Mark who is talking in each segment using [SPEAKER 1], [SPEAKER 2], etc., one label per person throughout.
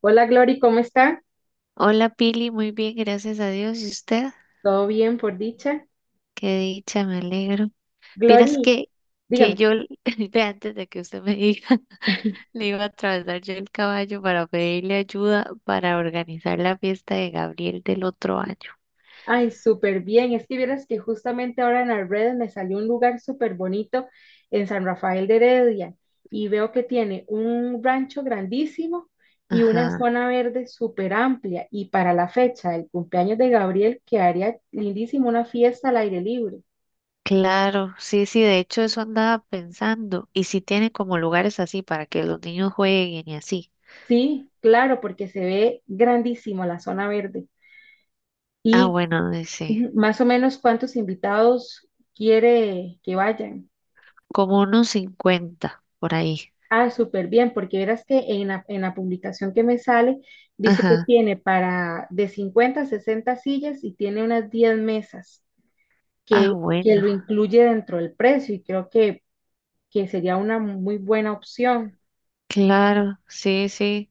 [SPEAKER 1] Hola Glory, ¿cómo está?
[SPEAKER 2] Hola Pili, muy bien, gracias a Dios. ¿Y usted?
[SPEAKER 1] ¿Todo bien por dicha?
[SPEAKER 2] Qué dicha, me alegro. Vieras
[SPEAKER 1] Glory,
[SPEAKER 2] que
[SPEAKER 1] dígame.
[SPEAKER 2] yo, l- Ve, antes de que usted me diga, le iba a atravesar yo el caballo para pedirle ayuda para organizar la fiesta de Gabriel del otro año.
[SPEAKER 1] Ay, súper bien. Es que vieras que justamente ahora en las redes me salió un lugar súper bonito en San Rafael de Heredia y veo que tiene un rancho grandísimo y una
[SPEAKER 2] Ajá.
[SPEAKER 1] zona verde súper amplia y para la fecha del cumpleaños de Gabriel quedaría lindísimo una fiesta al aire libre.
[SPEAKER 2] Claro, sí, sí, de hecho eso andaba pensando. ¿Y si tiene como lugares así para que los niños jueguen y así?
[SPEAKER 1] Sí, claro, porque se ve grandísimo la zona verde.
[SPEAKER 2] Ah,
[SPEAKER 1] y
[SPEAKER 2] bueno, dice,
[SPEAKER 1] Ujú, más o menos cuántos invitados quiere que vayan.
[SPEAKER 2] como unos 50 por ahí.
[SPEAKER 1] Ah, súper bien, porque verás que en la publicación que me sale dice que
[SPEAKER 2] Ajá.
[SPEAKER 1] tiene para de 50 a 60 sillas y tiene unas 10 mesas
[SPEAKER 2] Ah,
[SPEAKER 1] que, que
[SPEAKER 2] bueno,
[SPEAKER 1] lo incluye dentro del precio y creo que sería una muy buena opción
[SPEAKER 2] claro, sí, sí.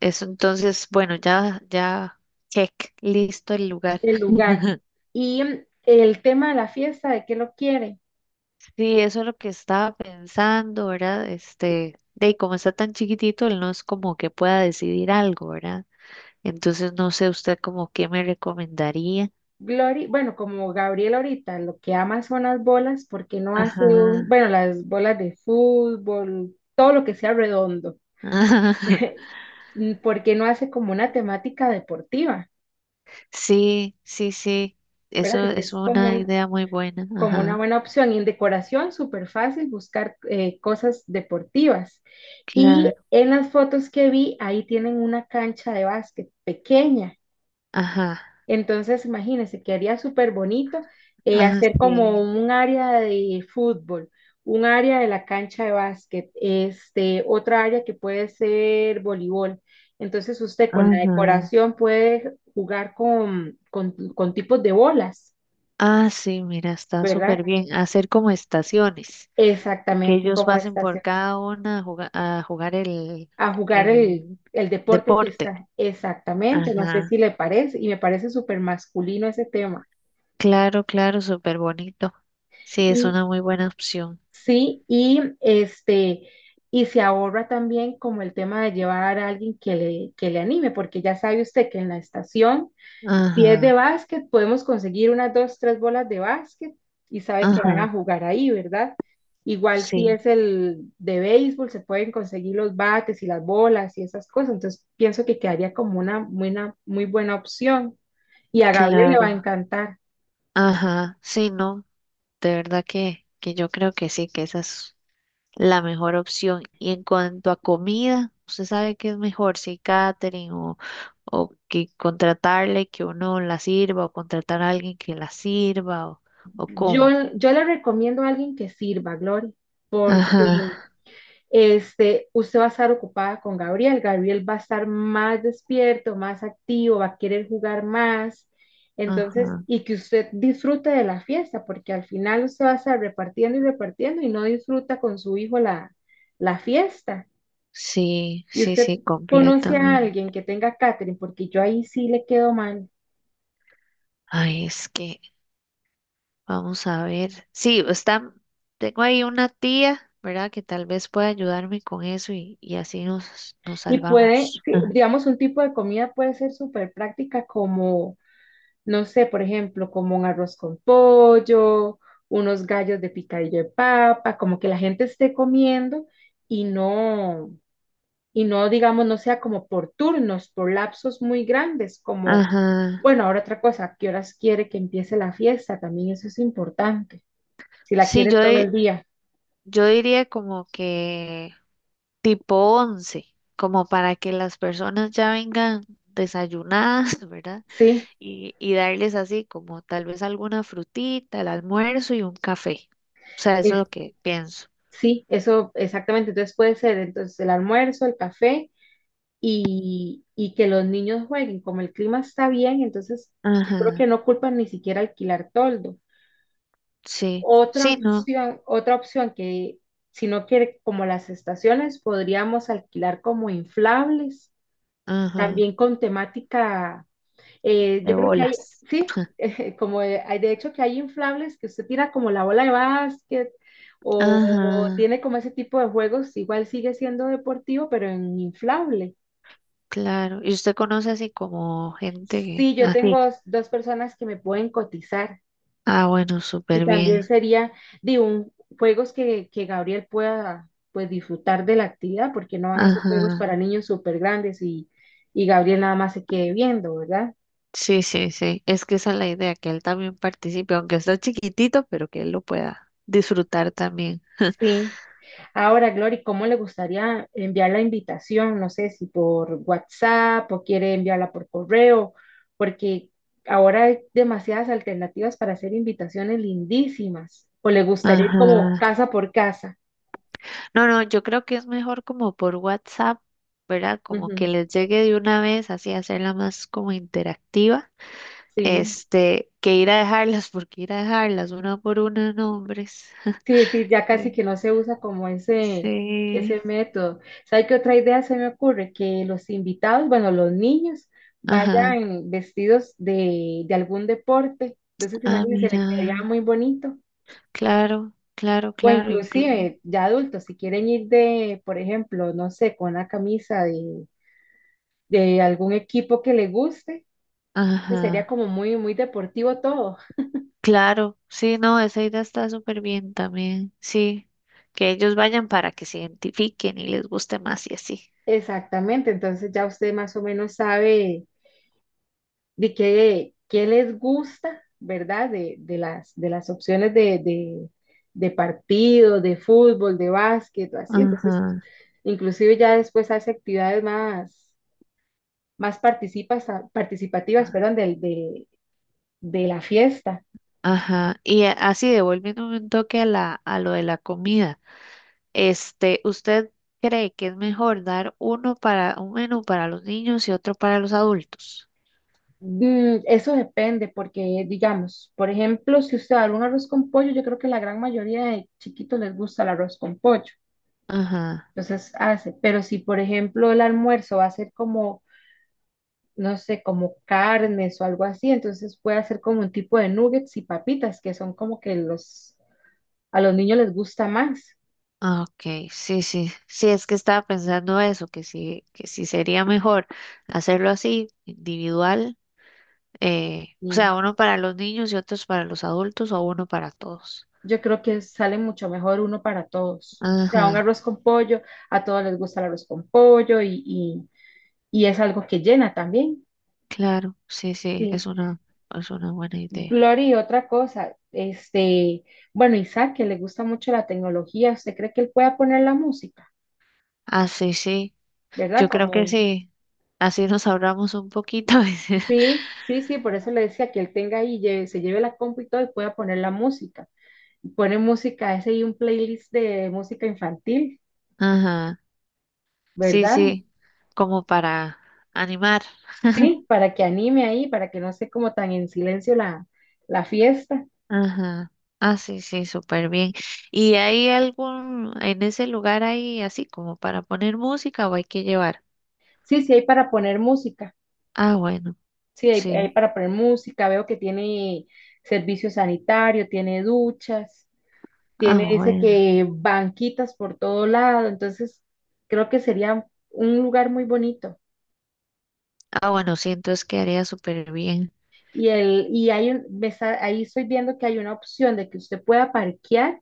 [SPEAKER 2] Eso entonces, bueno, ya, check, listo el lugar.
[SPEAKER 1] el lugar. Y el tema de la fiesta, ¿de qué lo quiere?
[SPEAKER 2] Sí, eso es lo que estaba pensando, ¿verdad? Este, de y como está tan chiquitito, él no es como que pueda decidir algo, ¿verdad? Entonces no sé usted como qué me recomendaría.
[SPEAKER 1] Glory, bueno, como Gabriel ahorita, lo que ama son las bolas, porque no hace
[SPEAKER 2] Ajá.
[SPEAKER 1] bueno, las bolas de fútbol, todo lo que sea redondo, porque no hace como una temática deportiva,
[SPEAKER 2] Sí, sí, sí.
[SPEAKER 1] ¿verdad?
[SPEAKER 2] Eso
[SPEAKER 1] Que
[SPEAKER 2] es
[SPEAKER 1] es
[SPEAKER 2] una idea muy buena.
[SPEAKER 1] como una
[SPEAKER 2] Ajá.
[SPEAKER 1] buena opción. Y en decoración, súper fácil buscar cosas deportivas. Y
[SPEAKER 2] Claro.
[SPEAKER 1] en las fotos que vi, ahí tienen una cancha de básquet pequeña.
[SPEAKER 2] Ajá.
[SPEAKER 1] Entonces, imagínense, quedaría súper bonito,
[SPEAKER 2] Ah,
[SPEAKER 1] hacer como
[SPEAKER 2] sí.
[SPEAKER 1] un área de fútbol, un área de la cancha de básquet, este, otra área que puede ser voleibol. Entonces, usted con la
[SPEAKER 2] Ajá.
[SPEAKER 1] decoración puede jugar con tipos de bolas,
[SPEAKER 2] Ah, sí, mira, está
[SPEAKER 1] ¿verdad?
[SPEAKER 2] súper bien. Hacer como estaciones. que
[SPEAKER 1] Exactamente
[SPEAKER 2] ellos
[SPEAKER 1] como
[SPEAKER 2] pasen
[SPEAKER 1] está,
[SPEAKER 2] por cada una a juga- a jugar,
[SPEAKER 1] a jugar el,
[SPEAKER 2] el
[SPEAKER 1] el deporte que
[SPEAKER 2] deporte.
[SPEAKER 1] está. Exactamente, no sé
[SPEAKER 2] Ajá.
[SPEAKER 1] si le parece, y me parece súper masculino ese tema.
[SPEAKER 2] Claro, claro, súper bonito. Sí, es una muy buena opción.
[SPEAKER 1] Sí, y este, y se ahorra también como el tema de llevar a alguien que le anime, porque ya sabe usted que en la estación, si es de
[SPEAKER 2] Ajá,
[SPEAKER 1] básquet, podemos conseguir unas dos, tres bolas de básquet y sabe que van a
[SPEAKER 2] ajá,
[SPEAKER 1] jugar ahí, ¿verdad? Igual si
[SPEAKER 2] sí,
[SPEAKER 1] es el de béisbol, se pueden conseguir los bates y las bolas y esas cosas. Entonces, pienso que quedaría como una muy buena opción. Y a Gabriel le va a
[SPEAKER 2] claro.
[SPEAKER 1] encantar.
[SPEAKER 2] Ajá, sí, no, de verdad que, yo creo que sí, que esa es la mejor opción. Y en cuanto a comida, ¿usted sabe qué es mejor, si catering o que contratarle que uno la sirva o contratar a alguien que la sirva o cómo?
[SPEAKER 1] Yo, yo le recomiendo a alguien que sirva, Gloria, porque
[SPEAKER 2] Ajá,
[SPEAKER 1] este, usted va a estar ocupada con Gabriel, Gabriel va a estar más despierto, más activo, va a querer jugar más, entonces,
[SPEAKER 2] ajá.
[SPEAKER 1] y que usted disfrute de la fiesta, porque al final usted va a estar repartiendo y repartiendo y no disfruta con su hijo la fiesta.
[SPEAKER 2] Sí,
[SPEAKER 1] Y
[SPEAKER 2] sí,
[SPEAKER 1] usted
[SPEAKER 2] sí,
[SPEAKER 1] conoce a
[SPEAKER 2] completamente.
[SPEAKER 1] alguien que tenga catering, porque yo ahí sí le quedo mal.
[SPEAKER 2] Ay, es que, vamos a ver. Sí, está, tengo ahí una tía, ¿verdad? Que tal vez pueda ayudarme con eso y así nos, nos
[SPEAKER 1] Y puede,
[SPEAKER 2] salvamos.
[SPEAKER 1] sí,
[SPEAKER 2] Ajá.
[SPEAKER 1] digamos, un tipo de comida puede ser súper práctica, como no sé, por ejemplo, como un arroz con pollo, unos gallos de picadillo de papa, como que la gente esté comiendo y no, y no, digamos, no sea como por turnos, por lapsos muy grandes, como,
[SPEAKER 2] Ajá.
[SPEAKER 1] bueno, ahora otra cosa, ¿a qué horas quiere que empiece la fiesta? También eso es importante, si la
[SPEAKER 2] Sí,
[SPEAKER 1] quiere
[SPEAKER 2] yo,
[SPEAKER 1] todo
[SPEAKER 2] di-
[SPEAKER 1] el día,
[SPEAKER 2] yo diría como que tipo 11, como para que las personas ya vengan desayunadas, ¿verdad?
[SPEAKER 1] ¿sí?
[SPEAKER 2] Y, y darles así como tal vez alguna frutita, el almuerzo y un café. O sea, eso es
[SPEAKER 1] Es,
[SPEAKER 2] lo que pienso.
[SPEAKER 1] sí, eso exactamente, entonces puede ser entonces el almuerzo, el café y que los niños jueguen. Como el clima está bien, entonces yo creo que
[SPEAKER 2] Ajá,
[SPEAKER 1] no culpan ni siquiera alquilar toldo.
[SPEAKER 2] sí, sí, no,
[SPEAKER 1] Otra opción que si no quiere, como las estaciones, podríamos alquilar como inflables,
[SPEAKER 2] ajá,
[SPEAKER 1] también con temática, yo
[SPEAKER 2] de
[SPEAKER 1] creo que hay,
[SPEAKER 2] bolas.
[SPEAKER 1] sí, hay, de hecho que hay inflables que usted tira como la bola de básquet o, o
[SPEAKER 2] Ajá,
[SPEAKER 1] tiene como ese tipo de juegos, igual sigue siendo deportivo, pero en inflable.
[SPEAKER 2] claro. ¿Y usted conoce así como gente
[SPEAKER 1] Sí, yo
[SPEAKER 2] así?
[SPEAKER 1] tengo dos personas que me pueden cotizar
[SPEAKER 2] Ah, bueno,
[SPEAKER 1] y
[SPEAKER 2] súper bien.
[SPEAKER 1] también sería de un juegos que Gabriel pueda pues disfrutar de la actividad porque no van a ser juegos
[SPEAKER 2] Ajá.
[SPEAKER 1] para niños súper grandes y Gabriel nada más se quede viendo, ¿verdad?
[SPEAKER 2] Sí, sí, sí. Es que esa es la idea, que él también participe, aunque está chiquitito, pero que él lo pueda disfrutar también.
[SPEAKER 1] Sí. Ahora, Glory, ¿cómo le gustaría enviar la invitación? No sé si por WhatsApp o quiere enviarla por correo, porque ahora hay demasiadas alternativas para hacer invitaciones lindísimas. ¿O le gustaría ir como
[SPEAKER 2] Ajá.
[SPEAKER 1] casa por casa?
[SPEAKER 2] No, no, yo creo que es mejor como por WhatsApp, ¿verdad? Como que
[SPEAKER 1] Ujú.
[SPEAKER 2] les llegue de una vez, así hacerla más como interactiva,
[SPEAKER 1] Sí,
[SPEAKER 2] este, que ir a dejarlas, porque ir a dejarlas una por una, nombres.
[SPEAKER 1] sí, sí, ya casi
[SPEAKER 2] Sí,
[SPEAKER 1] que no se usa como ese,
[SPEAKER 2] sí,
[SPEAKER 1] ese método. ¿Sabe qué otra idea se me ocurre? Que los invitados, bueno, los niños,
[SPEAKER 2] ajá,
[SPEAKER 1] vayan vestidos de algún deporte. Entonces,
[SPEAKER 2] ah,
[SPEAKER 1] imagínense, le
[SPEAKER 2] mira,
[SPEAKER 1] quedaría muy bonito.
[SPEAKER 2] claro, claro,
[SPEAKER 1] O
[SPEAKER 2] claro, inclu-
[SPEAKER 1] inclusive, ya adultos, si quieren ir de, por ejemplo, no sé, con una camisa de algún equipo que le guste, pues sería
[SPEAKER 2] ajá,
[SPEAKER 1] como muy, muy deportivo todo.
[SPEAKER 2] claro, sí, no, esa idea está súper bien también, sí, que ellos vayan para que se identifiquen y les guste más y así.
[SPEAKER 1] Exactamente, entonces ya usted más o menos sabe qué les gusta, ¿verdad? De las opciones de partido, de fútbol, de básquet, o así. Entonces,
[SPEAKER 2] Ajá.
[SPEAKER 1] inclusive ya después hace actividades más participativas, perdón, de la fiesta.
[SPEAKER 2] Ajá, y a- así devolviéndome un toque a la, a lo de la comida, este, ¿usted cree que es mejor dar uno para, un menú para los niños y otro para los adultos?
[SPEAKER 1] Mm, eso depende, porque digamos, por ejemplo, si usted da un arroz con pollo, yo creo que la gran mayoría de chiquitos les gusta el arroz con pollo,
[SPEAKER 2] Ajá,
[SPEAKER 1] entonces hace, pero si por ejemplo el almuerzo va a ser como no sé, como carnes o algo así. Entonces puede hacer como un tipo de nuggets y papitas, que son como que a los niños les gusta más.
[SPEAKER 2] ah, ok, sí, sí, sí, es que estaba pensando eso, que sí sería mejor hacerlo así, individual, o
[SPEAKER 1] Y
[SPEAKER 2] sea, uno para los niños y otros para los adultos o uno para todos.
[SPEAKER 1] yo creo que sale mucho mejor uno para todos. O sea, un
[SPEAKER 2] Ajá,
[SPEAKER 1] arroz con pollo, a todos les gusta el arroz con pollo y es algo que llena también.
[SPEAKER 2] claro, sí, sí,
[SPEAKER 1] Sí.
[SPEAKER 2] es una buena idea.
[SPEAKER 1] Glory, otra cosa, este, bueno, Isaac, que le gusta mucho la tecnología, ¿usted cree que él pueda poner la música,
[SPEAKER 2] Ah, sí, sí.
[SPEAKER 1] ¿verdad?
[SPEAKER 2] Yo creo que
[SPEAKER 1] Como.
[SPEAKER 2] sí. Así nos ahorramos un poquito.
[SPEAKER 1] Sí, sí, sí, por eso le decía que él tenga ahí, se lleve la compu y todo y pueda poner la música. Pone música, ese y un playlist de música infantil,
[SPEAKER 2] Ajá. Sí,
[SPEAKER 1] ¿verdad?
[SPEAKER 2] sí. Como para animar.
[SPEAKER 1] Sí, para que anime ahí, para que no esté como tan en silencio la fiesta.
[SPEAKER 2] Ajá. Ah, sí, sí, súper bien. ¿Y hay algún, en ese lugar hay así como para poner música o hay que llevar?
[SPEAKER 1] Sí, sí, hay para poner música.
[SPEAKER 2] Ah, bueno,
[SPEAKER 1] Sí, hay
[SPEAKER 2] sí.
[SPEAKER 1] para poner música. Veo que tiene servicio sanitario, tiene duchas,
[SPEAKER 2] Ah,
[SPEAKER 1] dice
[SPEAKER 2] bueno.
[SPEAKER 1] que banquitas por todo lado. Entonces, creo que sería un lugar muy bonito.
[SPEAKER 2] Ah, bueno, sí, entonces quedaría súper bien.
[SPEAKER 1] Y, el, y hay un, me está- Ahí estoy viendo que hay una opción de que usted pueda parquear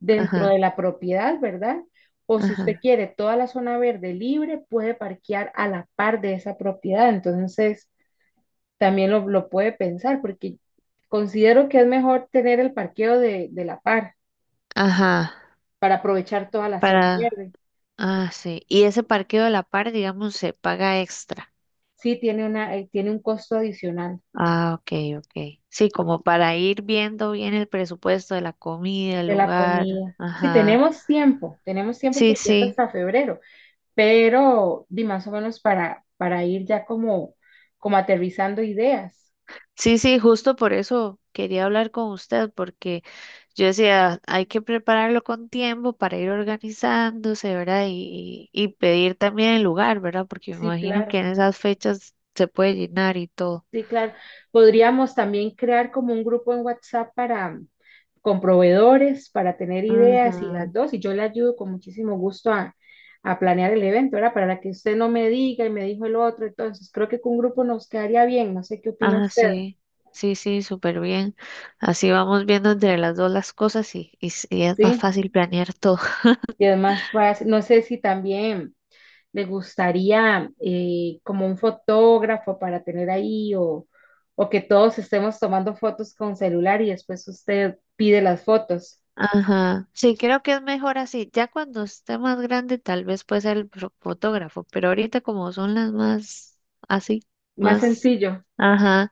[SPEAKER 1] dentro
[SPEAKER 2] Ajá,
[SPEAKER 1] de la propiedad, ¿verdad? O si usted
[SPEAKER 2] ajá,
[SPEAKER 1] quiere toda la zona verde libre, puede parquear a la par de esa propiedad. Entonces, también lo puede pensar porque considero que es mejor tener el parqueo de la par
[SPEAKER 2] ajá.
[SPEAKER 1] para aprovechar toda la zona
[SPEAKER 2] Para,
[SPEAKER 1] verde.
[SPEAKER 2] ah, sí. Y ese parqueo de la par, digamos, ¿se paga extra?
[SPEAKER 1] Sí, tiene un costo adicional
[SPEAKER 2] Ah, ok, ok. Sí, como para ir viendo bien el presupuesto de la comida, el
[SPEAKER 1] de la
[SPEAKER 2] lugar.
[SPEAKER 1] comida. Si
[SPEAKER 2] Ajá.
[SPEAKER 1] tenemos tiempo, tenemos tiempo
[SPEAKER 2] Sí,
[SPEAKER 1] porque es
[SPEAKER 2] sí.
[SPEAKER 1] hasta febrero. Pero di más o menos para ir ya como, aterrizando ideas.
[SPEAKER 2] Sí, sí, justo por eso quería hablar con usted, porque yo decía, hay que prepararlo con tiempo para ir organizándose, ¿verdad? Y pedir también el lugar, ¿verdad? Porque me
[SPEAKER 1] Sí,
[SPEAKER 2] imagino que
[SPEAKER 1] claro,
[SPEAKER 2] en esas fechas se puede llenar y todo.
[SPEAKER 1] sí, claro. Podríamos también crear como un grupo en WhatsApp con proveedores, para tener ideas y
[SPEAKER 2] Ajá.
[SPEAKER 1] las dos, y yo le ayudo con muchísimo gusto a planear el evento, ¿verdad? Para que usted no me diga y me dijo el otro, entonces creo que con un grupo nos quedaría bien, no sé qué opina
[SPEAKER 2] Ah,
[SPEAKER 1] usted,
[SPEAKER 2] sí. Sí, sí, súper bien. Así vamos viendo entre las dos las cosas y y es más
[SPEAKER 1] ¿sí?
[SPEAKER 2] fácil planear todo.
[SPEAKER 1] Y además, pues, no sé si también le gustaría, como un fotógrafo para tener ahí, o que todos estemos tomando fotos con celular y después usted pide las fotos.
[SPEAKER 2] Ajá, sí, creo que es mejor así. Ya cuando esté más grande, tal vez puede ser el fo- fotógrafo, pero ahorita como son las más así,
[SPEAKER 1] Más
[SPEAKER 2] más,
[SPEAKER 1] sencillo,
[SPEAKER 2] ajá,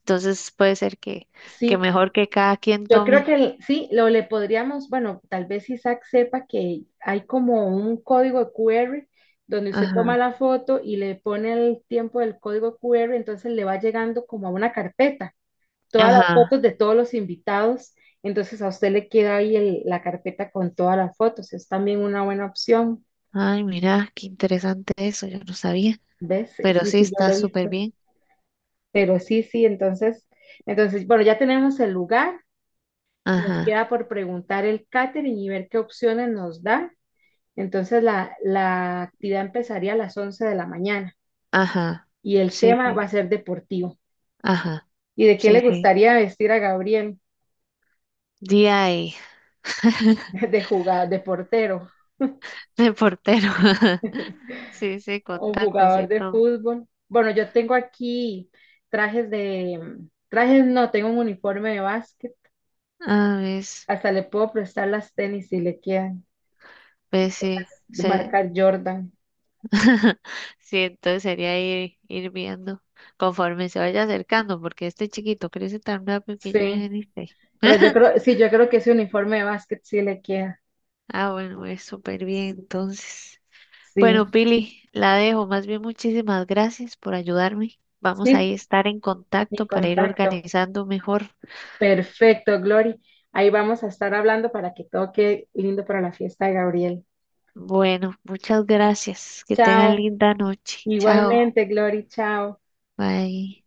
[SPEAKER 2] entonces puede ser que
[SPEAKER 1] sí.
[SPEAKER 2] mejor que cada quien
[SPEAKER 1] Yo creo que
[SPEAKER 2] tome.
[SPEAKER 1] sí, lo le podríamos, bueno, tal vez Isaac sepa que hay como un código de QR donde usted toma
[SPEAKER 2] Ajá,
[SPEAKER 1] la foto y le pone el tiempo del código QR, entonces le va llegando como a una carpeta. Todas las
[SPEAKER 2] ajá.
[SPEAKER 1] fotos de todos los invitados. Entonces a usted le queda ahí la carpeta con todas las fotos. Es también una buena opción.
[SPEAKER 2] Ay, mira, qué interesante eso, yo no sabía,
[SPEAKER 1] ¿Ves? Sí,
[SPEAKER 2] pero
[SPEAKER 1] sí,
[SPEAKER 2] sí
[SPEAKER 1] sí, yo
[SPEAKER 2] está
[SPEAKER 1] lo he
[SPEAKER 2] súper
[SPEAKER 1] visto.
[SPEAKER 2] bien.
[SPEAKER 1] Pero sí, sí, entonces, bueno, ya tenemos el lugar. Nos
[SPEAKER 2] Ajá,
[SPEAKER 1] queda por preguntar el catering y ver qué opciones nos da. Entonces la actividad empezaría a las 11 de la mañana
[SPEAKER 2] ajá,
[SPEAKER 1] y el
[SPEAKER 2] sí,
[SPEAKER 1] tema va
[SPEAKER 2] sí,
[SPEAKER 1] a ser deportivo.
[SPEAKER 2] ajá,
[SPEAKER 1] ¿Y de qué le
[SPEAKER 2] sí, sí.
[SPEAKER 1] gustaría vestir a Gabriel?
[SPEAKER 2] DI,
[SPEAKER 1] De jugador, de portero.
[SPEAKER 2] de portero. Sí, sí, con
[SPEAKER 1] Un
[SPEAKER 2] tacos y
[SPEAKER 1] jugador de
[SPEAKER 2] todo.
[SPEAKER 1] fútbol. Bueno, yo tengo aquí trajes de... Trajes no, tengo un uniforme de básquet.
[SPEAKER 2] Ah, ver.
[SPEAKER 1] Hasta le puedo prestar las tenis si le quedan.
[SPEAKER 2] Pues sí,
[SPEAKER 1] De
[SPEAKER 2] se...
[SPEAKER 1] marca Jordan.
[SPEAKER 2] sí, entonces sería ir, ir viendo conforme se vaya acercando, porque este chiquito crece tan rápido que yo ya
[SPEAKER 1] Sí.
[SPEAKER 2] ni sé.
[SPEAKER 1] Pero yo creo, sí, yo creo que ese uniforme de básquet sí le queda.
[SPEAKER 2] Ah, bueno, es súper bien, entonces. Bueno,
[SPEAKER 1] Sí.
[SPEAKER 2] Pili, la dejo. Más bien, muchísimas gracias por ayudarme. Vamos
[SPEAKER 1] Sí,
[SPEAKER 2] ahí a
[SPEAKER 1] sí,
[SPEAKER 2] estar en
[SPEAKER 1] sin
[SPEAKER 2] contacto para ir
[SPEAKER 1] contacto.
[SPEAKER 2] organizando mejor.
[SPEAKER 1] Perfecto, Glory. Ahí vamos a estar hablando para que todo quede lindo para la fiesta de Gabriel.
[SPEAKER 2] Bueno, muchas gracias. Que tengan
[SPEAKER 1] Chao.
[SPEAKER 2] linda noche. Chao.
[SPEAKER 1] Igualmente, Glory. Chao.
[SPEAKER 2] Bye.